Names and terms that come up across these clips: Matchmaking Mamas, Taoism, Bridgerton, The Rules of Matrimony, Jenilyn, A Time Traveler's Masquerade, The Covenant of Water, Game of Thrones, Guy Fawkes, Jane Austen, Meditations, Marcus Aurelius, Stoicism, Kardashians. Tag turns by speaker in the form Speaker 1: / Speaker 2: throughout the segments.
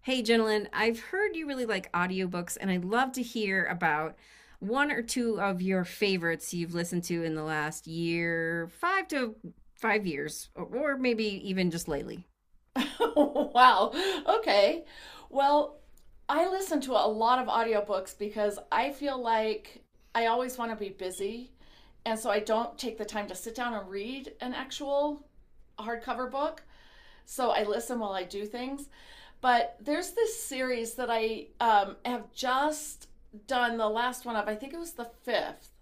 Speaker 1: Hey, Jenilyn, I've heard you really like audiobooks, and I'd love to hear about one or two of your favorites you've listened to in the last year, five to five years, or, maybe even just lately.
Speaker 2: Wow. Okay. Well, I listen to a lot of audiobooks because I feel like I always want to be busy. And so I don't take the time to sit down and read an actual hardcover book. So I listen while I do things. But there's this series that I have just done the last one of, I think it was the fifth.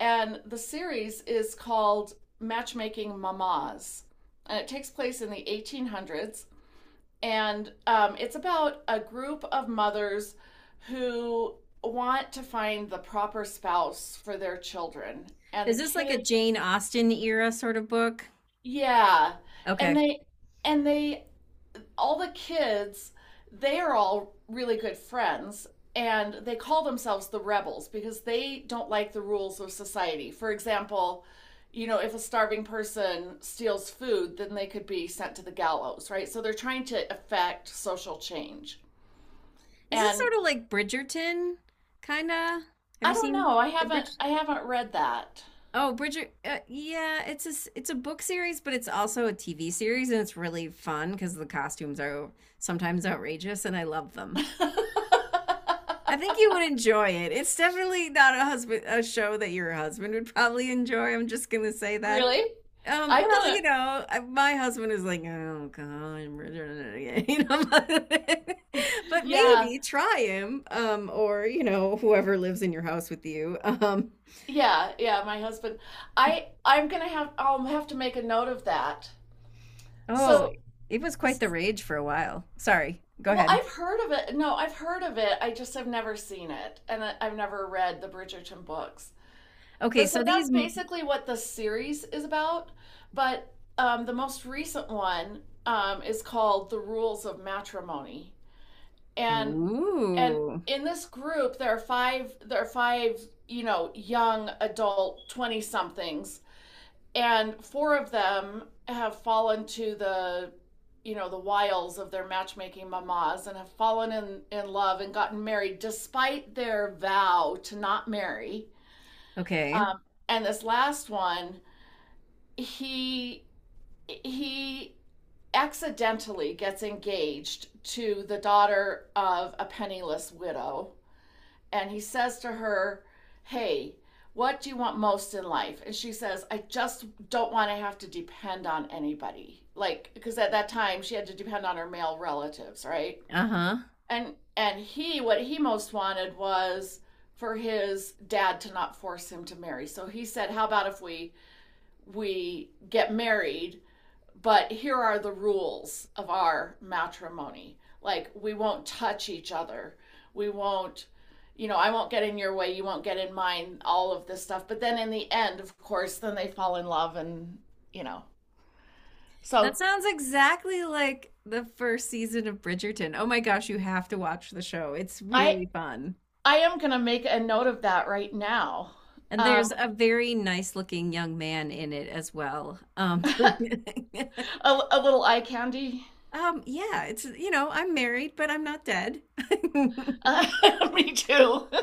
Speaker 2: And the series is called Matchmaking Mamas. And it takes place in the 1800s and it's about a group of mothers who want to find the proper spouse for their children and
Speaker 1: Is
Speaker 2: the
Speaker 1: this like a
Speaker 2: kids.
Speaker 1: Jane Austen era sort of book?
Speaker 2: Yeah. and
Speaker 1: Okay.
Speaker 2: they and they all the kids, they are all really good friends, and they call themselves the rebels because they don't like the rules of society. For example, you know, if a starving person steals food, then they could be sent to the gallows, right? So they're trying to affect social change.
Speaker 1: Is this
Speaker 2: And
Speaker 1: sort of like Bridgerton, kinda? Have
Speaker 2: I
Speaker 1: you
Speaker 2: don't
Speaker 1: seen
Speaker 2: know. I
Speaker 1: the Bridge?
Speaker 2: haven't I haven't read that.
Speaker 1: Oh, Bridger. Yeah, it's a it's a book series, but it's also a TV series, and it's really fun because the costumes are sometimes outrageous, and I love them. I think you would enjoy it. It's definitely not a show that your husband would probably enjoy. I'm just gonna say that.
Speaker 2: Really? I'm
Speaker 1: Well,
Speaker 2: gonna,
Speaker 1: my husband is like, oh God, you know, but
Speaker 2: yeah,
Speaker 1: maybe try him, or whoever lives in your house with you.
Speaker 2: yeah, yeah, my husband, I I'm gonna have I'll have to make a note of that.
Speaker 1: Oh,
Speaker 2: So,
Speaker 1: it was quite the rage for a while. Sorry, go
Speaker 2: well,
Speaker 1: ahead.
Speaker 2: I've heard of it. No, I've heard of it. I just have never seen it, and I've never read the Bridgerton books.
Speaker 1: Okay,
Speaker 2: But
Speaker 1: so
Speaker 2: so that's
Speaker 1: these.
Speaker 2: basically what the series is about. But the most recent one is called The Rules of Matrimony, and and
Speaker 1: Oh,
Speaker 2: in this group there are five you know, young adult 20 somethings, and four of them have fallen to the, you know, the wiles of their matchmaking mamas and have fallen in love and gotten married despite their vow to not marry.
Speaker 1: okay.
Speaker 2: um, and this last one, he he accidentally gets engaged to the daughter of a penniless widow, and he says to her, "Hey, what do you want most in life?" And she says, "I just don't want to have to depend on anybody." Like, because at that time she had to depend on her male relatives, right?
Speaker 1: Uh-huh.
Speaker 2: And he, what he most wanted was for his dad to not force him to marry. So he said, "How about if we get married, but here are the rules of our matrimony. Like, we won't touch each other. We won't, you know, I won't get in your way. You won't get in mine," all of this stuff. But then in the end, of course, then they fall in love and, you know.
Speaker 1: That
Speaker 2: So
Speaker 1: sounds exactly like the first season of Bridgerton. Oh my gosh, you have to watch the show. It's
Speaker 2: I,
Speaker 1: really fun.
Speaker 2: I am going to make a note of that right now.
Speaker 1: And there's
Speaker 2: Um,
Speaker 1: a very nice looking young man in it as well.
Speaker 2: a little eye candy.
Speaker 1: Yeah, it's I'm married, but I'm not dead. That's
Speaker 2: Uh, me too.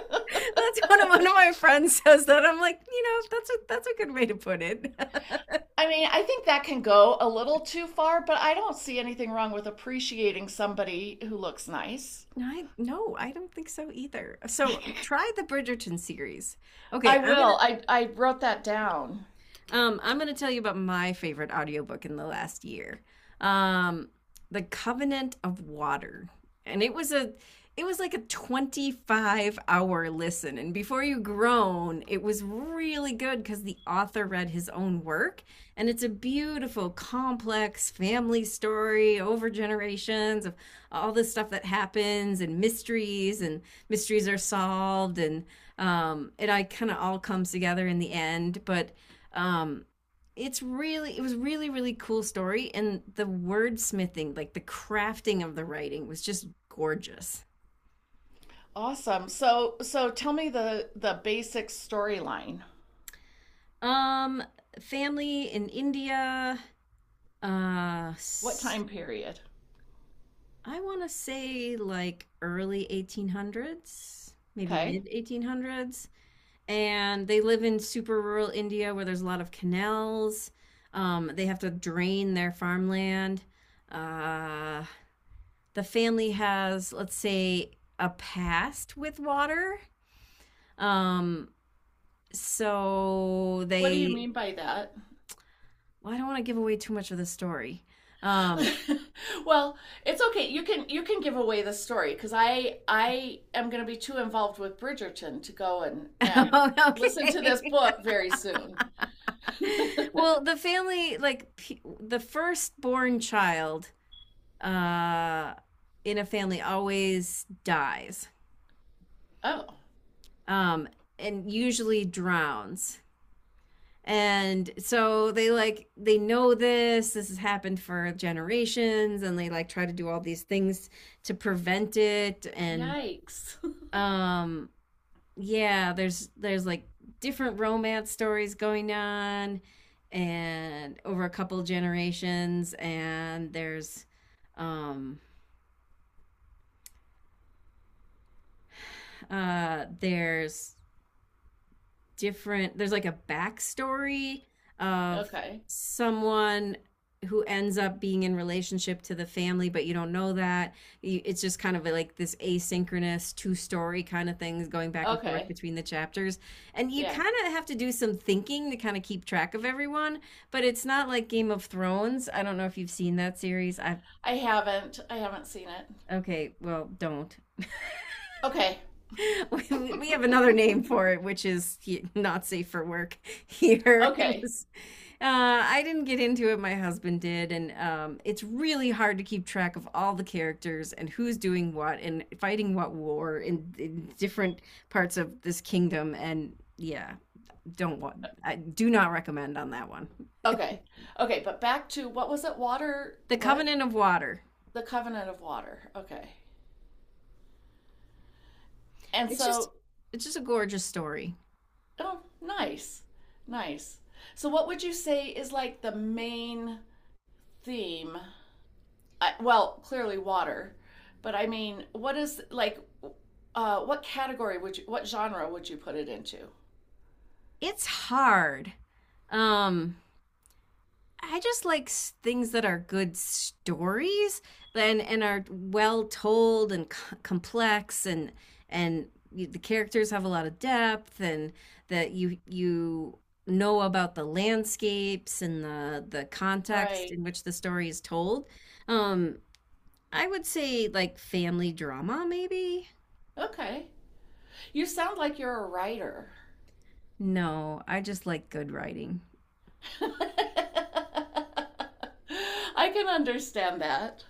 Speaker 1: one of my friends says that. I'm like, that's that's a good way to put it.
Speaker 2: I mean, I think that can go a little too far, but I don't see anything wrong with appreciating somebody who looks nice.
Speaker 1: No, I don't think so either. So try the Bridgerton series. Okay,
Speaker 2: I
Speaker 1: I'm gonna
Speaker 2: will. I wrote that down.
Speaker 1: I'm going to tell you about my favorite audiobook in the last year. Um, The Covenant of Water. And it was a it was like a 25-hour listen, and before you groan, it was really good because the author read his own work. And it's a beautiful complex family story over generations of all the stuff that happens, and mysteries, and mysteries are solved. And it I kind of all comes together in the end. But um, it's really it was really really cool story, and the wordsmithing, like the crafting of the writing, was just gorgeous.
Speaker 2: Awesome. So tell me the basic storyline.
Speaker 1: um family in india uh
Speaker 2: What
Speaker 1: s-
Speaker 2: time period?
Speaker 1: I want to say like early 1800s, maybe
Speaker 2: Okay.
Speaker 1: mid 1800s. And they live in super rural india where there's a lot of canals. They have to drain their farmland. uh the family has, let's say, a past with water. Um, so
Speaker 2: What do you
Speaker 1: they,
Speaker 2: mean by that?
Speaker 1: well, I don't want to give away too much of the story. Um,
Speaker 2: Well, it's okay. You can give away the story, because I am going to be too involved with Bridgerton to go and
Speaker 1: oh,
Speaker 2: listen to this
Speaker 1: okay.
Speaker 2: book very soon.
Speaker 1: Well, the family, like the firstborn child uh, in a family always dies,
Speaker 2: Oh,
Speaker 1: um, and usually drowns. And so they like they know this. This has happened for generations, and they like try to do all these things to prevent it. And
Speaker 2: yikes.
Speaker 1: um, yeah, there's like different romance stories going on, and over a couple generations. And um, there's different there's like a backstory of
Speaker 2: okay.
Speaker 1: someone who ends up being in relationship to the family, but you don't know that. It's just kind of like this asynchronous two-story kind of things going back and forth
Speaker 2: Okay.
Speaker 1: between the chapters. And you
Speaker 2: Yeah.
Speaker 1: kind of have to do some thinking to kind of keep track of everyone, but it's not like game of thrones. I don't know if you've seen that series. I've
Speaker 2: I haven't seen it.
Speaker 1: okay, well, don't
Speaker 2: Okay.
Speaker 1: we have another name for it, which is not safe for work here. It
Speaker 2: Okay.
Speaker 1: was, I didn't get into it, my husband did, and it's really hard to keep track of all the characters and who's doing what and fighting what war in different parts of this kingdom. And yeah, don't want, I do not recommend on that one.
Speaker 2: Okay. Okay, but back to, what was it? Water,
Speaker 1: The
Speaker 2: what?
Speaker 1: Covenant of Water.
Speaker 2: The Covenant of Water. Okay. And
Speaker 1: It's just,
Speaker 2: so,
Speaker 1: it's just a gorgeous story.
Speaker 2: oh, nice. Nice. So what would you say is like the main theme? I, well, clearly water, but I mean, what is like what category would you, what genre would you put it into?
Speaker 1: It's hard. Um, I just like things that are good stories, and are well told and complex, and the characters have a lot of depth, and that you know about the landscapes and the context
Speaker 2: Right.
Speaker 1: in which the story is told. Um, I would say like family drama maybe.
Speaker 2: Okay. You sound like you're a writer.
Speaker 1: No, I just like good writing.
Speaker 2: I can understand that.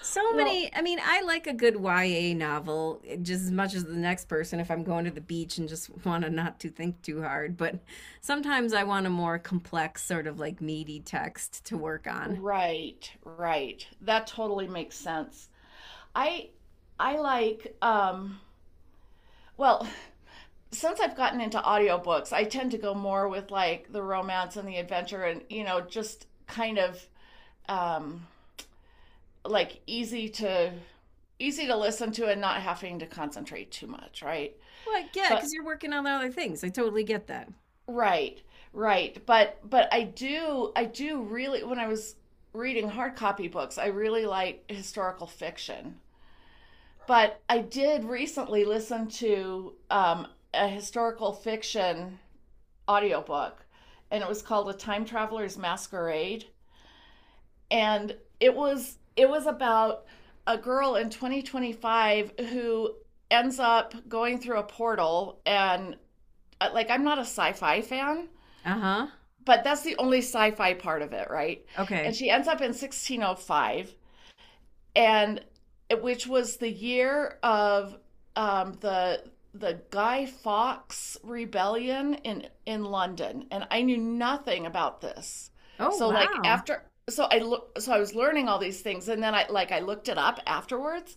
Speaker 1: So
Speaker 2: Well,
Speaker 1: many, I mean, I like a good YA novel eh, just as much as the next person if I'm going to the beach and just want to not to think too hard, but sometimes I want a more complex sort of like meaty text to work on.
Speaker 2: right, right. That totally makes sense. I I like well, since I've gotten into audiobooks, I tend to go more with like the romance and the adventure and, you know, just kind of um like easy to listen to, and not having to concentrate too much, right?
Speaker 1: Well, yeah,
Speaker 2: But
Speaker 1: because you're working on other things. I totally get that.
Speaker 2: right, right. But I do really, when I was reading hard copy books, I really like historical fiction. But I did recently listen to a historical fiction audiobook, and it was called A Time Traveler's Masquerade. And it was about a girl in 2025 who ends up going through a portal, and like, I'm not a sci-fi fan,
Speaker 1: Uh-huh.
Speaker 2: but that's the only sci-fi part of it, right?
Speaker 1: Okay.
Speaker 2: And she ends up in 1605, and which was the year of um, the the Guy Fawkes rebellion in London, and I knew nothing about this.
Speaker 1: Oh,
Speaker 2: So like,
Speaker 1: wow.
Speaker 2: after, so I look, so I was learning all these things, and then I, like, I looked it up afterwards.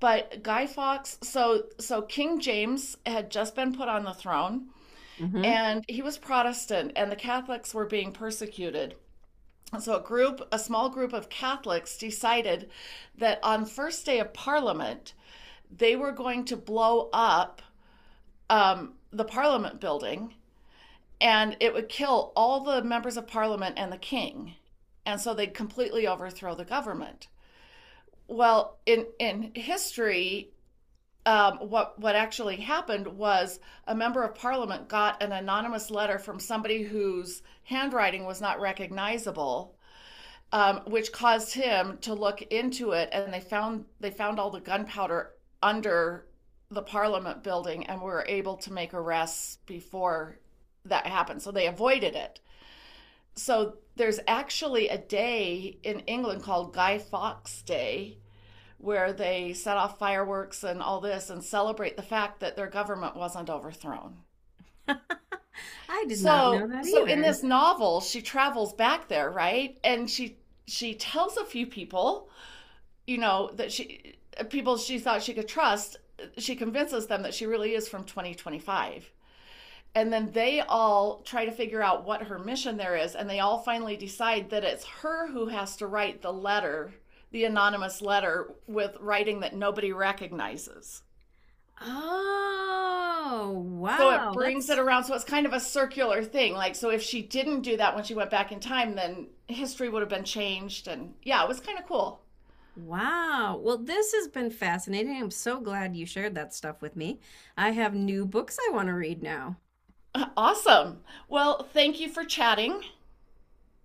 Speaker 2: But Guy Fawkes, so King James had just been put on the throne,
Speaker 1: Mm-hmm.
Speaker 2: and he was Protestant, and the Catholics were being persecuted. So a group, a small group of Catholics decided that on first day of Parliament, they were going to blow up the Parliament building, and it would kill all the members of Parliament and the King, and so they'd completely overthrow the government. Well, in history, what actually happened was a member of parliament got an anonymous letter from somebody whose handwriting was not recognizable, which caused him to look into it. And they found all the gunpowder under the Parliament building, and were able to make arrests before that happened. So they avoided it. So there's actually a day in England called Guy Fawkes Day where they set off fireworks and all this, and celebrate the fact that their government wasn't overthrown.
Speaker 1: I did not know
Speaker 2: So
Speaker 1: that
Speaker 2: so in
Speaker 1: either.
Speaker 2: this novel, she travels back there, right? And she tells a few people, you know, that she, people she thought she could trust, she convinces them that she really is from 2025. And then they all try to figure out what her mission there is, and they all finally decide that it's her who has to write the letter, the anonymous letter with writing that nobody recognizes.
Speaker 1: Oh,
Speaker 2: So it
Speaker 1: wow.
Speaker 2: brings it
Speaker 1: That's
Speaker 2: around. So it's kind of a circular thing. Like, so if she didn't do that when she went back in time, then history would have been changed. And yeah, it was kind of cool.
Speaker 1: Wow. Well, this has been fascinating. I'm so glad you shared that stuff with me. I have new books I want to read now.
Speaker 2: Awesome. Well, thank you for chatting.